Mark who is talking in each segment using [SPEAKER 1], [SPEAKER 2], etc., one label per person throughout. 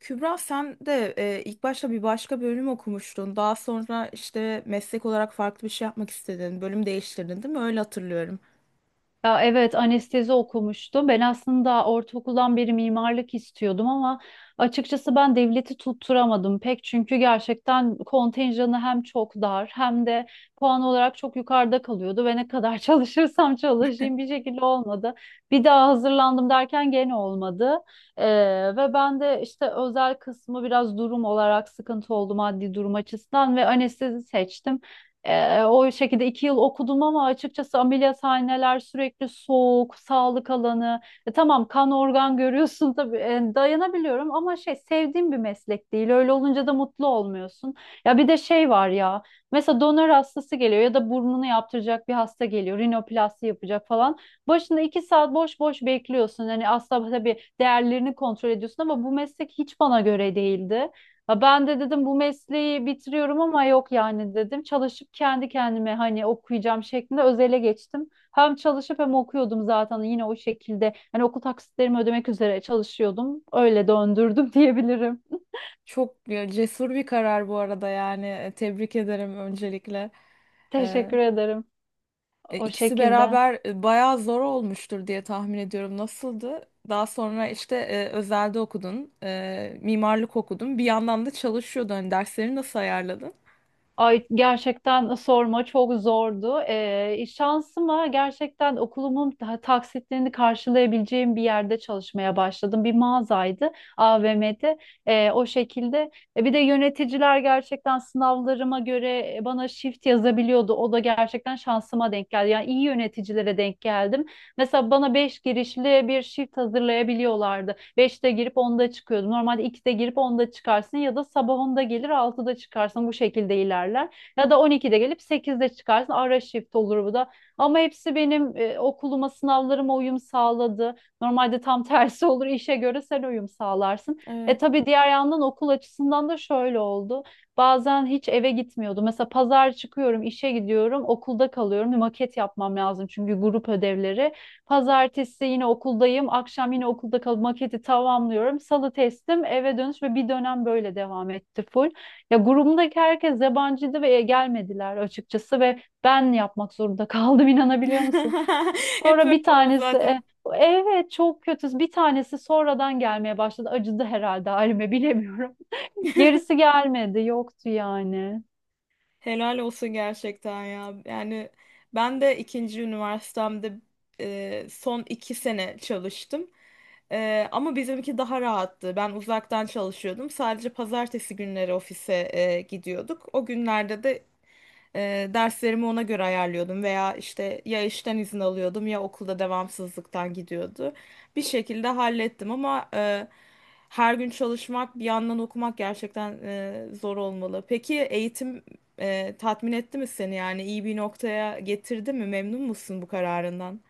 [SPEAKER 1] Kübra sen de ilk başta bir başka bölüm okumuştun. Daha sonra işte meslek olarak farklı bir şey yapmak istedin. Bölüm değiştirdin değil mi? Öyle hatırlıyorum.
[SPEAKER 2] Ya evet anestezi okumuştum. Ben aslında ortaokuldan beri mimarlık istiyordum ama açıkçası ben devleti tutturamadım pek. Çünkü gerçekten kontenjanı hem çok dar hem de puan olarak çok yukarıda kalıyordu ve ne kadar çalışırsam çalışayım bir şekilde olmadı. Bir daha hazırlandım derken gene olmadı. Ee, ve ben de işte özel kısmı biraz durum olarak sıkıntı oldu maddi durum açısından ve anestezi seçtim. O şekilde 2 yıl okudum ama açıkçası ameliyathaneler sürekli soğuk, sağlık alanı. Tamam kan organ görüyorsun tabii dayanabiliyorum ama şey sevdiğim bir meslek değil. Öyle olunca da mutlu olmuyorsun. Ya bir de şey var ya mesela donör hastası geliyor ya da burnunu yaptıracak bir hasta geliyor. Rinoplasti yapacak falan. Başında 2 saat boş boş bekliyorsun. Hani aslında tabii değerlerini kontrol ediyorsun ama bu meslek hiç bana göre değildi. Ha ben de dedim bu mesleği bitiriyorum ama yok yani dedim. Çalışıp kendi kendime hani okuyacağım şeklinde özele geçtim. Hem çalışıp hem okuyordum zaten yine o şekilde. Hani okul taksitlerimi ödemek üzere çalışıyordum. Öyle döndürdüm diyebilirim.
[SPEAKER 1] Çok ya, cesur bir karar bu arada yani. Tebrik ederim öncelikle. Ee,
[SPEAKER 2] Teşekkür ederim. O
[SPEAKER 1] ikisi
[SPEAKER 2] şekilde.
[SPEAKER 1] beraber bayağı zor olmuştur diye tahmin ediyorum. Nasıldı? Daha sonra işte özelde okudun, mimarlık okudun. Bir yandan da çalışıyordun. Hani dersleri nasıl ayarladın?
[SPEAKER 2] Ay gerçekten sorma çok zordu. Şansıma gerçekten okulumun taksitlerini karşılayabileceğim bir yerde çalışmaya başladım. Bir mağazaydı AVM'de. O şekilde. Bir de yöneticiler gerçekten sınavlarıma göre bana shift yazabiliyordu. O da gerçekten şansıma denk geldi. Yani iyi yöneticilere denk geldim. Mesela bana 5 girişli bir shift hazırlayabiliyorlardı. 5'te girip 10'da çıkıyordum. Normalde 2'de girip 10'da çıkarsın ya da sabah 10'da gelir 6'da çıkarsın bu şekilde ilerler. Ya da 12'de gelip 8'de çıkarsın ara shift olur bu da. Ama hepsi benim okuluma sınavlarıma uyum sağladı. Normalde tam tersi olur işe göre sen uyum sağlarsın. E
[SPEAKER 1] Evet.
[SPEAKER 2] tabii diğer yandan okul açısından da şöyle oldu. Bazen hiç eve gitmiyordum. Mesela pazar çıkıyorum, işe gidiyorum, okulda kalıyorum. Bir maket yapmam lazım çünkü grup ödevleri. Pazartesi yine okuldayım. Akşam yine okulda kalıp maketi tamamlıyorum. Salı testim, eve dönüş ve bir dönem böyle devam etti full. Ya grubumdaki herkes yabancıydı ve gelmediler açıkçası ve ben yapmak zorunda kaldım inanabiliyor musun?
[SPEAKER 1] Hep
[SPEAKER 2] Sonra
[SPEAKER 1] öyle
[SPEAKER 2] bir
[SPEAKER 1] olur
[SPEAKER 2] tanesi
[SPEAKER 1] zaten.
[SPEAKER 2] evet çok kötü. Bir tanesi sonradan gelmeye başladı. Acıdı herhalde halime bilemiyorum. Gerisi gelmedi, yoktu yani.
[SPEAKER 1] Helal olsun gerçekten ya. Yani ben de ikinci üniversitemde son iki sene çalıştım. E, ama bizimki daha rahattı. Ben uzaktan çalışıyordum. Sadece pazartesi günleri ofise gidiyorduk. O günlerde de derslerimi ona göre ayarlıyordum veya işte ya işten izin alıyordum ya okulda devamsızlıktan gidiyordu. Bir şekilde hallettim ama her gün çalışmak bir yandan okumak gerçekten zor olmalı. Peki eğitim tatmin etti mi seni yani iyi bir noktaya getirdi mi? Memnun musun bu kararından?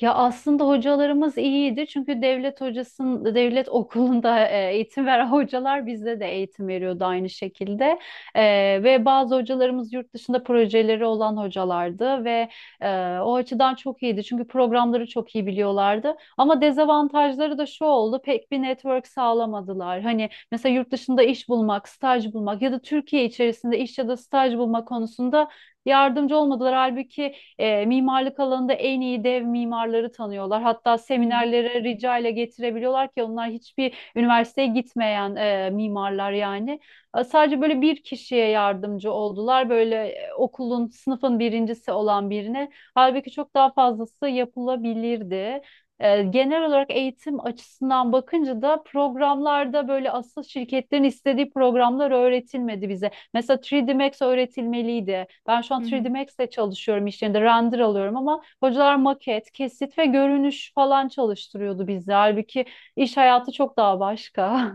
[SPEAKER 2] Ya aslında hocalarımız iyiydi çünkü devlet hocasının devlet okulunda eğitim veren hocalar bizde de eğitim veriyordu aynı şekilde. E, ve bazı hocalarımız yurt dışında projeleri olan hocalardı ve o açıdan çok iyiydi çünkü programları çok iyi biliyorlardı. Ama dezavantajları da şu oldu, pek bir network sağlamadılar. Hani mesela yurt dışında iş bulmak, staj bulmak ya da Türkiye içerisinde iş ya da staj bulma konusunda yardımcı olmadılar. Halbuki mimarlık alanında en iyi dev mimarları tanıyorlar. Hatta
[SPEAKER 1] Hı hı.
[SPEAKER 2] seminerlere rica ile getirebiliyorlar ki onlar hiçbir üniversiteye gitmeyen mimarlar yani. Sadece böyle bir kişiye yardımcı oldular. Böyle okulun, sınıfın birincisi olan birine. Halbuki çok daha fazlası yapılabilirdi. Genel olarak eğitim açısından bakınca da programlarda böyle asıl şirketlerin istediği programlar öğretilmedi bize. Mesela 3D Max öğretilmeliydi. Ben şu
[SPEAKER 1] Hı
[SPEAKER 2] an 3D
[SPEAKER 1] hı.
[SPEAKER 2] Max'te çalışıyorum, iş yerinde render alıyorum ama hocalar maket, kesit ve görünüş falan çalıştırıyordu bizi. Halbuki iş hayatı çok daha başka.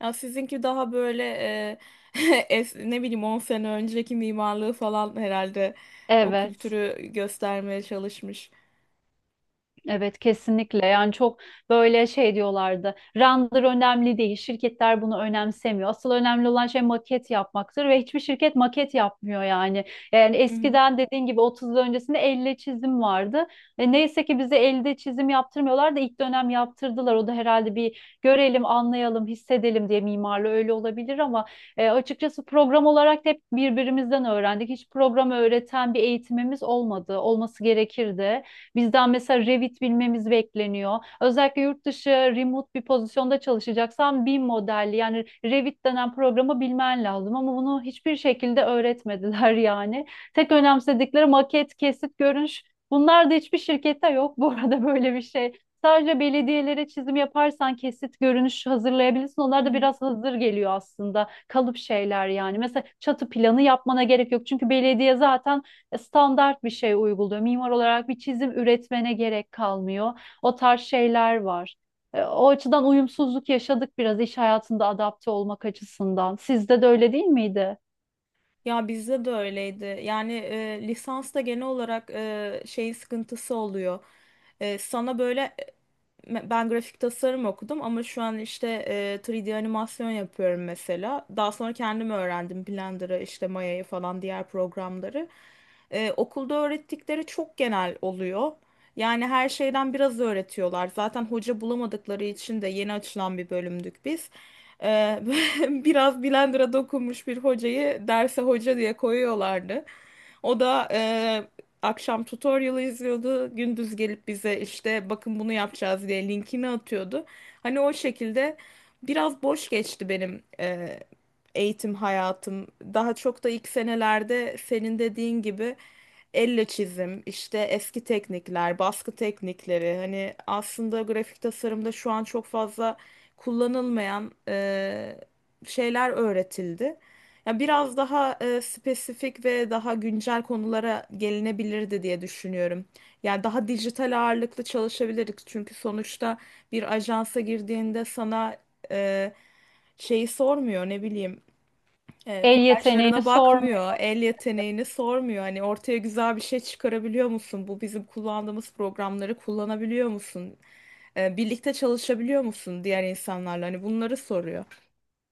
[SPEAKER 1] Ya sizinki daha böyle ne bileyim 10 sene önceki mimarlığı falan herhalde o
[SPEAKER 2] Evet.
[SPEAKER 1] kültürü göstermeye çalışmış.
[SPEAKER 2] Evet, kesinlikle. Yani çok böyle şey diyorlardı, render önemli değil, şirketler bunu önemsemiyor, asıl önemli olan şey maket yapmaktır, ve hiçbir şirket maket yapmıyor Yani
[SPEAKER 1] Hı hı.
[SPEAKER 2] eskiden dediğin gibi 30 yıl öncesinde elle çizim vardı ve neyse ki bize elde çizim yaptırmıyorlar da ilk dönem yaptırdılar, o da herhalde bir görelim anlayalım hissedelim diye, mimarlı öyle olabilir ama açıkçası program olarak da hep birbirimizden öğrendik, hiç program öğreten bir eğitimimiz olmadı, olması gerekirdi. Bizden mesela Revit bilmemiz bekleniyor. Özellikle yurt dışı remote bir pozisyonda çalışacaksan BIM modelli yani Revit denen programı bilmen lazım ama bunu hiçbir şekilde öğretmediler yani. Tek önemsedikleri maket, kesit, görünüş. Bunlar da hiçbir şirkette yok bu arada, böyle bir şey. Sadece belediyelere çizim yaparsan kesit görünüş hazırlayabilirsin.
[SPEAKER 1] Hı
[SPEAKER 2] Onlar da
[SPEAKER 1] hı.
[SPEAKER 2] biraz hazır geliyor aslında. Kalıp şeyler yani. Mesela çatı planı yapmana gerek yok. Çünkü belediye zaten standart bir şey uyguluyor. Mimar olarak bir çizim üretmene gerek kalmıyor. O tarz şeyler var. O açıdan uyumsuzluk yaşadık biraz iş hayatında adapte olmak açısından. Sizde de öyle değil miydi?
[SPEAKER 1] Ya bizde de öyleydi. Yani lisansta genel olarak şeyin sıkıntısı oluyor. Sana böyle, ben grafik tasarım okudum ama şu an işte 3D animasyon yapıyorum mesela. Daha sonra kendim öğrendim Blender'ı, işte Maya'yı falan diğer programları. Okulda öğrettikleri çok genel oluyor. Yani her şeyden biraz öğretiyorlar. Zaten hoca bulamadıkları için de yeni açılan bir bölümdük biz. E, biraz Blender'a dokunmuş bir hocayı derse hoca diye koyuyorlardı. O da akşam tutorial'ı izliyordu. Gündüz gelip bize işte bakın bunu yapacağız diye linkini atıyordu. Hani o şekilde biraz boş geçti benim eğitim hayatım. Daha çok da ilk senelerde senin dediğin gibi elle çizim, işte eski teknikler, baskı teknikleri. Hani aslında grafik tasarımda şu an çok fazla kullanılmayan şeyler öğretildi. Ya biraz daha spesifik ve daha güncel konulara gelinebilirdi diye düşünüyorum. Yani daha dijital ağırlıklı çalışabilirdik. Çünkü sonuçta bir ajansa girdiğinde sana e, şeyi sormuyor, ne bileyim,
[SPEAKER 2] El yeteneğini
[SPEAKER 1] kolajlarına bakmıyor,
[SPEAKER 2] sormuyor.
[SPEAKER 1] el yeteneğini sormuyor. Hani ortaya güzel bir şey çıkarabiliyor musun? Bu bizim kullandığımız programları kullanabiliyor musun? Birlikte çalışabiliyor musun diğer insanlarla? Hani bunları soruyor.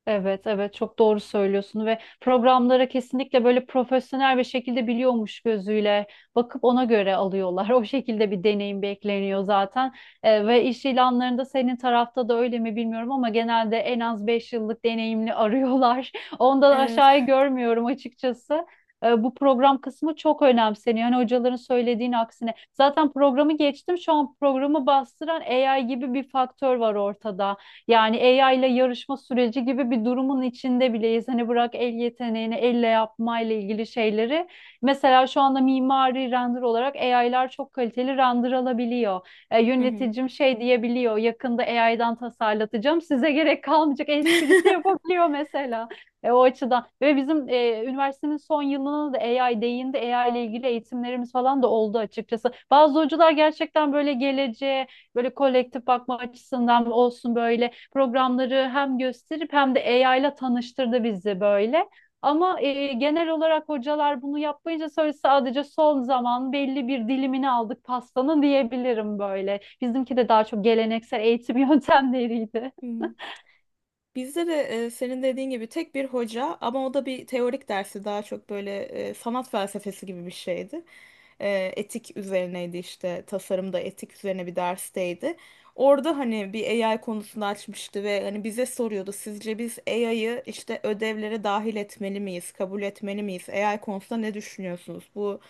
[SPEAKER 2] Evet, evet, çok doğru söylüyorsun, ve programlara kesinlikle böyle profesyonel bir şekilde biliyormuş gözüyle bakıp ona göre alıyorlar. O şekilde bir deneyim bekleniyor zaten. Ve iş ilanlarında senin tarafta da öyle mi bilmiyorum ama genelde en az 5 yıllık deneyimli arıyorlar. Ondan
[SPEAKER 1] Evet.
[SPEAKER 2] aşağıyı görmüyorum açıkçası. Bu program kısmı çok önemseniyor. Hani hocaların söylediğin aksine. Zaten programı geçtim. Şu an programı bastıran AI gibi bir faktör var ortada. Yani AI ile yarışma süreci gibi bir durumun içinde bileyiz. Hani bırak el yeteneğini, elle yapmayla ilgili şeyleri. Mesela şu anda mimari render olarak AI'lar çok kaliteli render alabiliyor. E,
[SPEAKER 1] Hı hı.
[SPEAKER 2] yöneticim şey diyebiliyor, yakında AI'dan tasarlatacağım, size gerek kalmayacak esprisi yapabiliyor mesela. O açıdan ve bizim üniversitenin son yılına da AI değindi. AI ile ilgili eğitimlerimiz falan da oldu açıkçası. Bazı hocalar gerçekten böyle geleceğe, böyle kolektif bakma açısından olsun böyle programları hem gösterip hem de AI ile tanıştırdı bizi böyle. Ama genel olarak hocalar bunu yapmayınca sonra sadece son zaman belli bir dilimini aldık pastanın diyebilirim böyle. Bizimki de daha çok geleneksel eğitim yöntemleriydi.
[SPEAKER 1] Hı hı. Bizde de senin dediğin gibi tek bir hoca, ama o da bir teorik dersi, daha çok böyle sanat felsefesi gibi bir şeydi. Etik üzerineydi, işte tasarımda etik üzerine bir dersteydi. Orada hani bir AI konusunu açmıştı ve hani bize soruyordu, sizce biz AI'yı işte ödevlere dahil etmeli miyiz, kabul etmeli miyiz? AI konusunda ne düşünüyorsunuz? Bu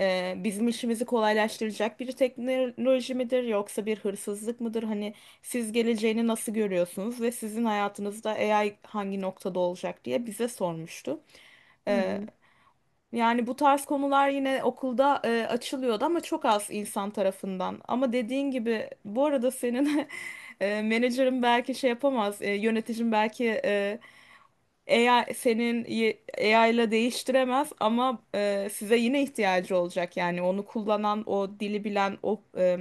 [SPEAKER 1] bizim işimizi kolaylaştıracak bir teknoloji midir yoksa bir hırsızlık mıdır? Hani siz geleceğini nasıl görüyorsunuz ve sizin hayatınızda AI hangi noktada olacak diye bize sormuştu.
[SPEAKER 2] Hı
[SPEAKER 1] Ee,
[SPEAKER 2] hı.
[SPEAKER 1] Yani bu tarz konular yine okulda açılıyordu ama çok az insan tarafından. Ama dediğin gibi, bu arada senin menajerin belki şey yapamaz, yöneticin belki e, AI senin y- AI ile değiştiremez ama size yine ihtiyacı olacak. Yani onu kullanan, o dili bilen,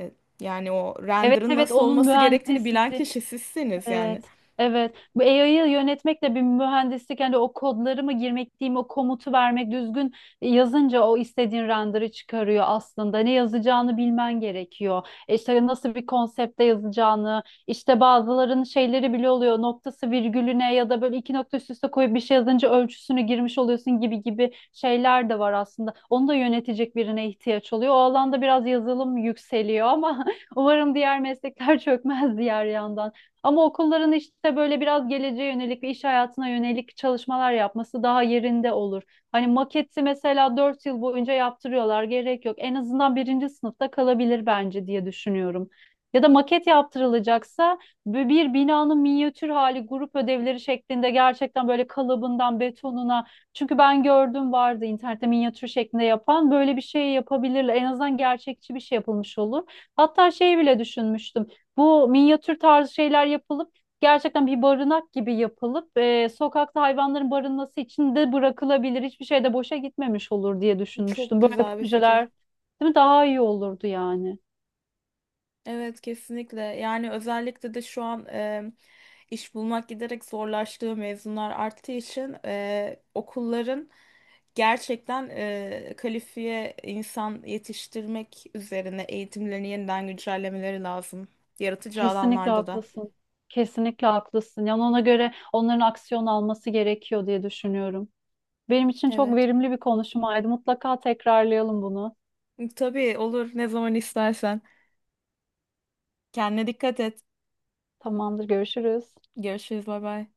[SPEAKER 1] e, yani o
[SPEAKER 2] Evet,
[SPEAKER 1] render'ın
[SPEAKER 2] evet,
[SPEAKER 1] nasıl
[SPEAKER 2] onun
[SPEAKER 1] olması gerektiğini bilen
[SPEAKER 2] mühendisliği.
[SPEAKER 1] kişi sizsiniz yani.
[SPEAKER 2] Evet. Evet. Bu AI'yı yönetmek de bir mühendislik. Yani o kodları mı girmek diyeyim, o komutu vermek düzgün yazınca o istediğin render'ı çıkarıyor aslında. Ne yazacağını bilmen gerekiyor. İşte nasıl bir konsepte yazacağını, işte bazıların şeyleri bile oluyor. Noktası virgülüne ya da böyle iki nokta üst üste koyup bir şey yazınca ölçüsünü girmiş oluyorsun gibi gibi şeyler de var aslında. Onu da yönetecek birine ihtiyaç oluyor. O alanda biraz yazılım yükseliyor ama umarım diğer meslekler çökmez diğer yandan. Ama okulların işte böyle biraz geleceğe yönelik ve iş hayatına yönelik çalışmalar yapması daha yerinde olur. Hani maketi mesela 4 yıl boyunca yaptırıyorlar, gerek yok. En azından birinci sınıfta kalabilir bence diye düşünüyorum. Ya da maket yaptırılacaksa bu bir binanın minyatür hali grup ödevleri şeklinde gerçekten böyle kalıbından betonuna, çünkü ben gördüm, vardı internette minyatür şeklinde yapan, böyle bir şey yapabilirler. En azından gerçekçi bir şey yapılmış olur. Hatta şey bile düşünmüştüm. Bu minyatür tarzı şeyler yapılıp gerçekten bir barınak gibi yapılıp sokakta hayvanların barınması için de bırakılabilir. Hiçbir şey de boşa gitmemiş olur diye
[SPEAKER 1] Çok
[SPEAKER 2] düşünmüştüm. Böyle
[SPEAKER 1] güzel bir
[SPEAKER 2] projeler,
[SPEAKER 1] fikir.
[SPEAKER 2] değil mi? Daha iyi olurdu yani.
[SPEAKER 1] Evet, kesinlikle. Yani özellikle de şu an iş bulmak giderek zorlaştığı, mezunlar arttığı için okulların gerçekten kalifiye insan yetiştirmek üzerine eğitimlerini yeniden güncellemeleri lazım. Yaratıcı
[SPEAKER 2] Kesinlikle
[SPEAKER 1] alanlarda da.
[SPEAKER 2] haklısın. Kesinlikle haklısın. Yani ona göre onların aksiyon alması gerekiyor diye düşünüyorum. Benim için çok
[SPEAKER 1] Evet.
[SPEAKER 2] verimli bir konuşmaydı. Mutlaka tekrarlayalım bunu.
[SPEAKER 1] Tabii olur, ne zaman istersen. Kendine dikkat et.
[SPEAKER 2] Tamamdır, görüşürüz.
[SPEAKER 1] Görüşürüz, bay bay.